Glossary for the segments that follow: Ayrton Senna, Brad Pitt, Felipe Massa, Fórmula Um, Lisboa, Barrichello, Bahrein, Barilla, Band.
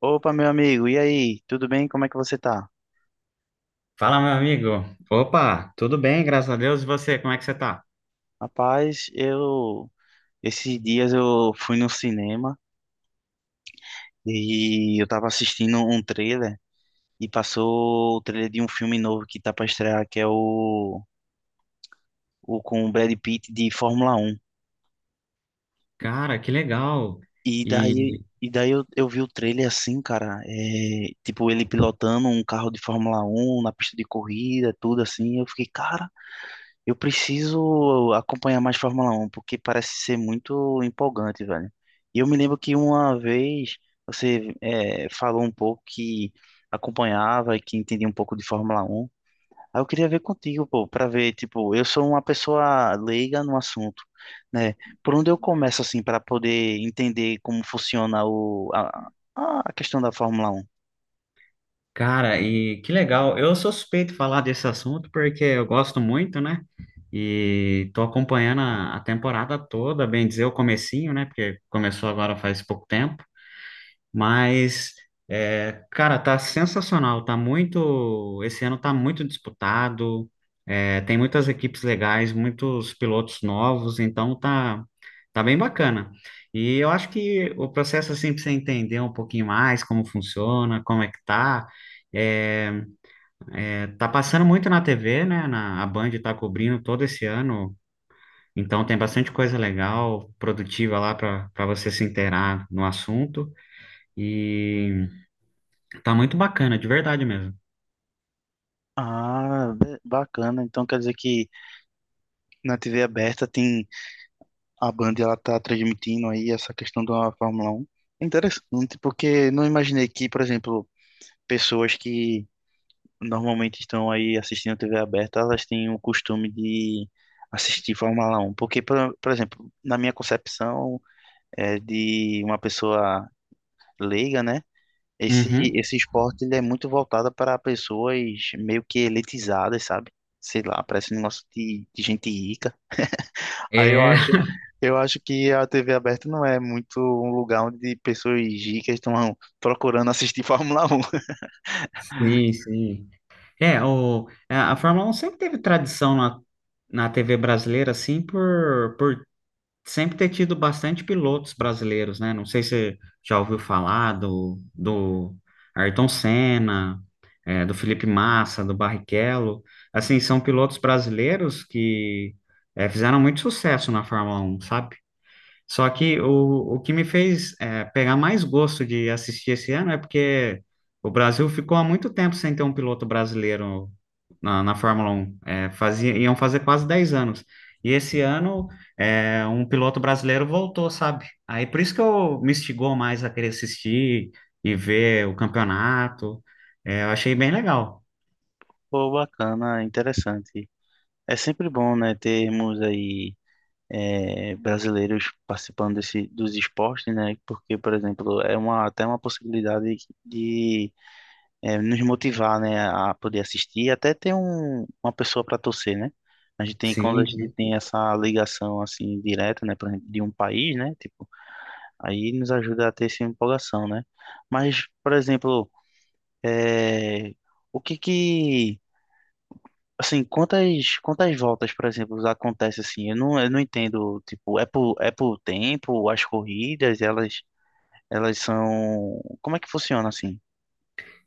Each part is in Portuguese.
Opa, meu amigo, e aí? Tudo bem? Como é que você tá? Fala, meu amigo. Opa, tudo bem, graças a Deus. E você, como é que você tá? Rapaz, eu esses dias eu fui no cinema e eu tava assistindo um trailer e passou o trailer de um filme novo que tá pra estrear, que é o com o Brad Pitt de Fórmula Um. Cara, que legal. E E, daí e daí eu vi o trailer assim, cara, tipo ele pilotando um carro de Fórmula Um na pista de corrida, tudo assim, eu fiquei, cara, eu preciso acompanhar mais Fórmula Um, porque parece ser muito empolgante, velho. E eu me lembro que uma vez você falou um pouco que acompanhava e que entendia um pouco de Fórmula Um. Aí eu queria ver contigo, pô, pra ver, tipo, eu sou uma pessoa leiga no assunto, né? Por onde eu começo, assim, para poder entender como funciona a questão da Fórmula Um? cara, e que legal. Eu sou suspeito de falar desse assunto porque eu gosto muito, né? E tô acompanhando a temporada toda, bem dizer, o comecinho, né? Porque começou agora faz pouco tempo. Mas, cara, tá sensacional. Tá muito. Esse ano tá muito disputado. Tem muitas equipes legais, muitos pilotos novos, então tá bem bacana. E eu acho que o processo, assim, pra você entender um pouquinho mais como funciona, como é que tá. é, tá passando muito na TV, né? A Band tá cobrindo todo esse ano. Então tem bastante coisa legal, produtiva lá para você se inteirar no assunto. E Tá muito bacana, de verdade mesmo. Ah, bacana. Então quer dizer que na TV aberta tem a Band, ela tá transmitindo aí essa questão da Fórmula um. É interessante, porque não imaginei que, por exemplo, pessoas que normalmente estão aí assistindo a TV aberta, elas têm o costume de assistir Fórmula um. Porque, por exemplo, na minha concepção, de uma pessoa leiga, né? Esse, Uhum. esse esporte ele é muito voltado para pessoas meio que elitizadas, sabe? Sei lá, parece um negócio de gente rica. Aí eu É, acho, eu acho que a TV aberta não é muito um lugar onde pessoas ricas estão procurando assistir Fórmula Um. sim, sim. É, o, a Fórmula um sempre teve tradição na TV brasileira, assim, por sempre ter tido bastante pilotos brasileiros, né? Não sei se você já ouviu falar do Ayrton Senna, do Felipe Massa, do Barrichello. Assim, são pilotos brasileiros que fizeram muito sucesso na Fórmula um, sabe? Só que o que me fez pegar mais gosto de assistir esse ano é porque o Brasil ficou há muito tempo sem ter um piloto brasileiro na Fórmula Um. É, iam fazer quase 10 anos. E esse ano um piloto brasileiro voltou, sabe? Aí por isso que eu me instigou mais a querer assistir e ver o campeonato. É, eu achei bem legal. Pô, bacana, interessante. É sempre bom, né, termos aí brasileiros participando desse, dos esportes, né? Porque, por exemplo, é uma, até uma possibilidade de nos motivar, né, a poder assistir, e até ter um, uma pessoa para torcer, né? A gente tem, quando a Sim, gente sim. tem essa ligação, assim, direta, né, por exemplo, de um país, né, tipo. Aí nos ajuda a ter essa empolgação, né? Mas, por exemplo, é, o que que, assim, quantas voltas, por exemplo, acontece assim? Eu não entendo, tipo, é por tempo, as corridas, elas são, como é que funciona assim?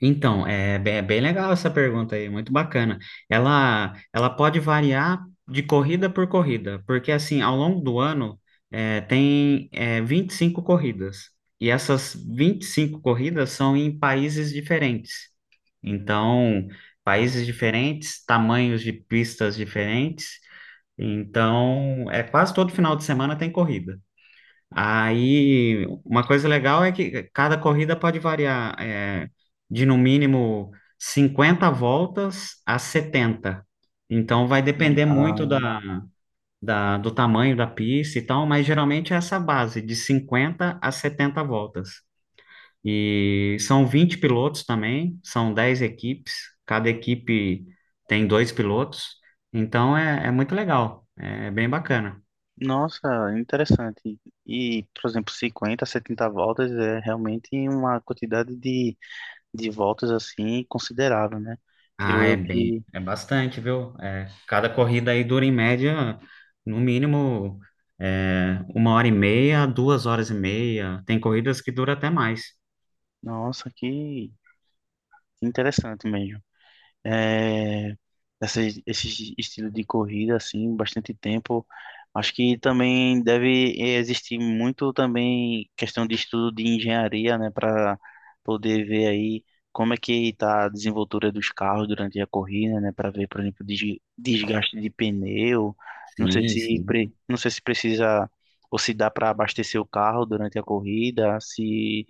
Então, é bem legal essa pergunta aí, muito bacana. Ela pode variar de corrida por corrida, porque assim, ao longo do ano, tem 25 corridas, e essas 25 corridas são em países diferentes. Então, países diferentes, tamanhos de pistas diferentes. Então, é quase todo final de semana tem corrida. Aí, uma coisa legal é que cada corrida pode variar de no mínimo 50 voltas a 70. Então, vai depender muito Ah, do tamanho da pista e tal, mas geralmente é essa base, de 50 a 70 voltas. E são 20 pilotos também, são 10 equipes, cada equipe tem dois pilotos, então é muito legal, é bem bacana. nossa, interessante. E, por exemplo, 50, 70 voltas é realmente uma quantidade de voltas assim considerável, né? Creio Ah, eu que, é bastante, viu? É, cada corrida aí dura em média, no mínimo, uma hora e meia, duas horas e meia. Tem corridas que dura até mais. nossa, que interessante mesmo. É, essa, esse estilo de corrida, assim, bastante tempo. Acho que também deve existir muito também questão de estudo de engenharia, né, para poder ver aí como é que está a desenvoltura dos carros durante a corrida, né, para ver, por exemplo, desgaste de pneu. Não sei Sim, se, sim. Não sei se precisa ou se dá para abastecer o carro durante a corrida, se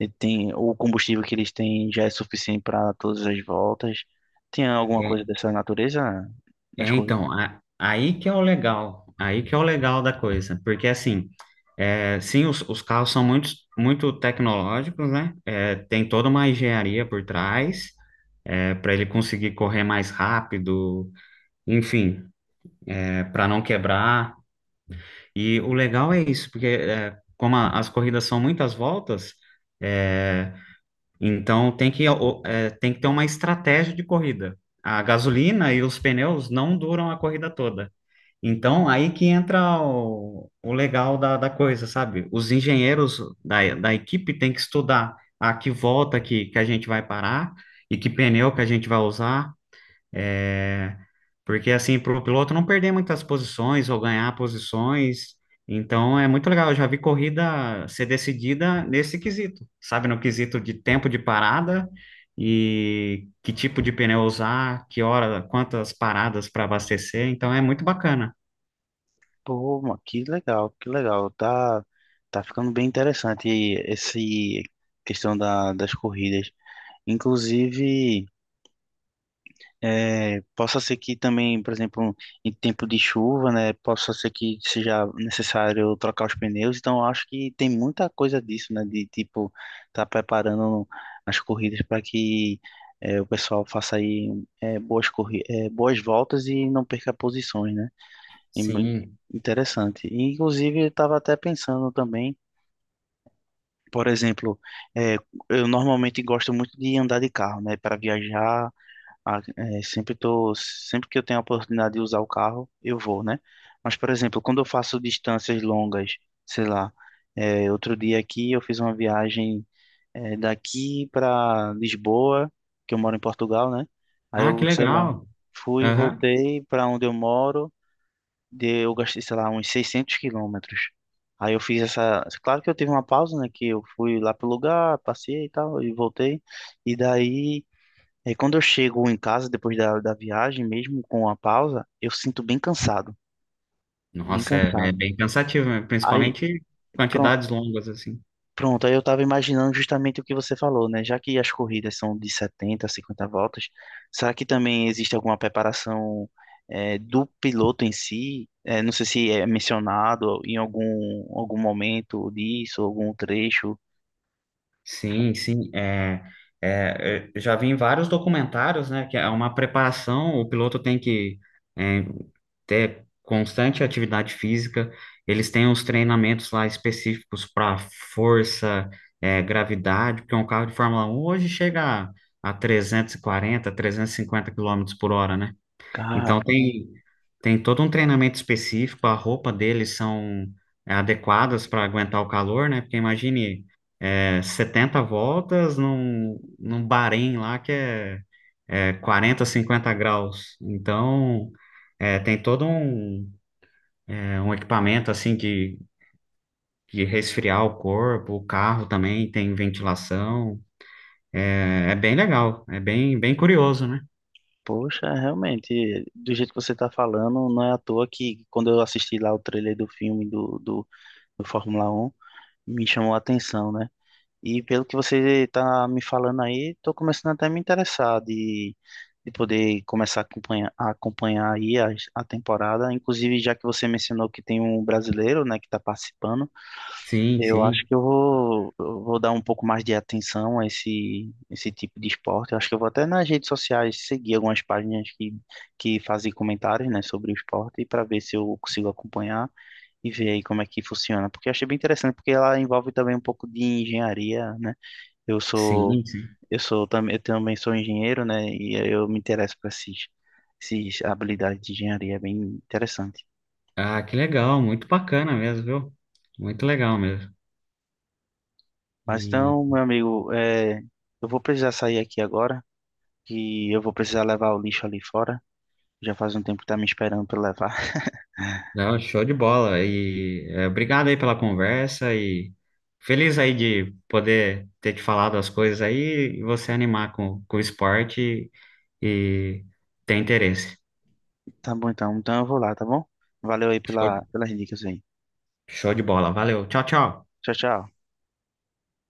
e tem, o combustível que eles têm já é suficiente para todas as voltas. Tem alguma É, coisa dessa natureza nas corridas? então, aí que é o legal da coisa, porque assim, sim, os carros são muito, muito tecnológicos, né? É, tem toda uma engenharia por trás, para ele conseguir correr mais rápido, enfim, para não quebrar. E o legal é isso, porque como as corridas são muitas voltas, é, então tem que ter uma estratégia de corrida. A gasolina e os pneus não duram a corrida toda. Então, aí que entra o legal da coisa, sabe? Os engenheiros da equipe têm que estudar a que volta que a gente vai parar e que pneu que a gente vai usar. é, Porque assim, para o piloto não perder muitas posições ou ganhar posições. Então é muito legal. Eu já vi corrida ser decidida nesse quesito, sabe? No quesito de tempo de parada e que tipo de pneu usar, que hora, quantas paradas para abastecer. Então é muito bacana. Pô, mano, que legal, que legal. Tá, tá ficando bem interessante esse questão da, das corridas. Inclusive, possa ser que também, por exemplo, em tempo de chuva, né, possa ser que seja necessário trocar os pneus. Então, eu acho que tem muita coisa disso, né, de tipo, tá preparando as corridas para que o pessoal faça aí é, boas corri boas voltas e não perca posições, né? E muito Sim. interessante. E, inclusive, eu estava até pensando também, por exemplo, é, eu normalmente gosto muito de andar de carro, né, para viajar. Sempre tô, sempre que eu tenho a oportunidade de usar o carro, eu vou, né? Mas, por exemplo, quando eu faço distâncias longas, sei lá, outro dia aqui eu fiz uma viagem, daqui para Lisboa, que eu moro em Portugal, né? Aí Ah, eu, que sei lá, legal. fui e Aham. voltei para onde eu moro, de, eu gastei, sei lá, uns 600 quilômetros. Aí eu fiz essa. Claro que eu tive uma pausa, né? Que eu fui lá pro lugar, passei e tal, e voltei. E daí. É, quando eu chego em casa, depois da, da viagem, mesmo com a pausa, eu sinto bem cansado, bem Nossa, é cansado. bem cansativo, né? Aí, Principalmente pronto, quantidades longas assim. pronto, aí eu estava imaginando justamente o que você falou, né? Já que as corridas são de setenta, 50 voltas, será que também existe alguma preparação, do piloto em si? É, não sei se é mencionado em algum, algum momento disso, algum trecho. Sim, sim, eu já vi em vários documentários, né, que é uma preparação, o piloto tem que é, ter constante atividade física, eles têm uns treinamentos lá específicos para força, gravidade, porque um carro de Fórmula um hoje chega a 340, 350 quilômetros por hora, né? Cara, Então tem todo um treinamento específico, a roupa deles são adequadas para aguentar o calor, né? Porque imagine 70 voltas num Bahrein lá que é 40, 50 graus. Então tem todo um equipamento assim de resfriar o corpo, o carro também tem ventilação. É, é bem legal, é bem, bem curioso, né? poxa, realmente, do jeito que você está falando, não é à toa que quando eu assisti lá o trailer do filme do Fórmula Um, me chamou a atenção, né? E pelo que você está me falando aí, estou começando até a me interessar de poder começar a acompanhar aí a temporada. Inclusive, já que você mencionou que tem um brasileiro, né, que está participando, Sim, eu acho sim, que eu vou dar um pouco mais de atenção a esse, esse tipo de esporte. Eu acho que eu vou até nas redes sociais seguir algumas páginas que fazem comentários, né, sobre o esporte para ver se eu consigo acompanhar e ver aí como é que funciona. Porque eu achei bem interessante, porque ela envolve também um pouco de engenharia, né? Eu sou, sim, sim. eu sou também, eu também sou engenheiro, né? E eu me interesso por esses, esses habilidades de engenharia, é bem interessante. Ah, que legal, muito bacana mesmo, viu? Muito legal mesmo. Mas E então, meu amigo, eu vou precisar sair aqui agora. Que eu vou precisar levar o lixo ali fora. Já faz um tempo que tá me esperando pra eu levar. não, show de bola. E obrigado aí pela conversa e feliz aí de poder ter te falado as coisas aí e você animar com o esporte e, e ter interesse. Tá bom então, então eu vou lá, tá bom? Valeu aí Show, pela, pelas dicas aí. show de bola. Valeu. Tchau, tchau. Tchau, tchau.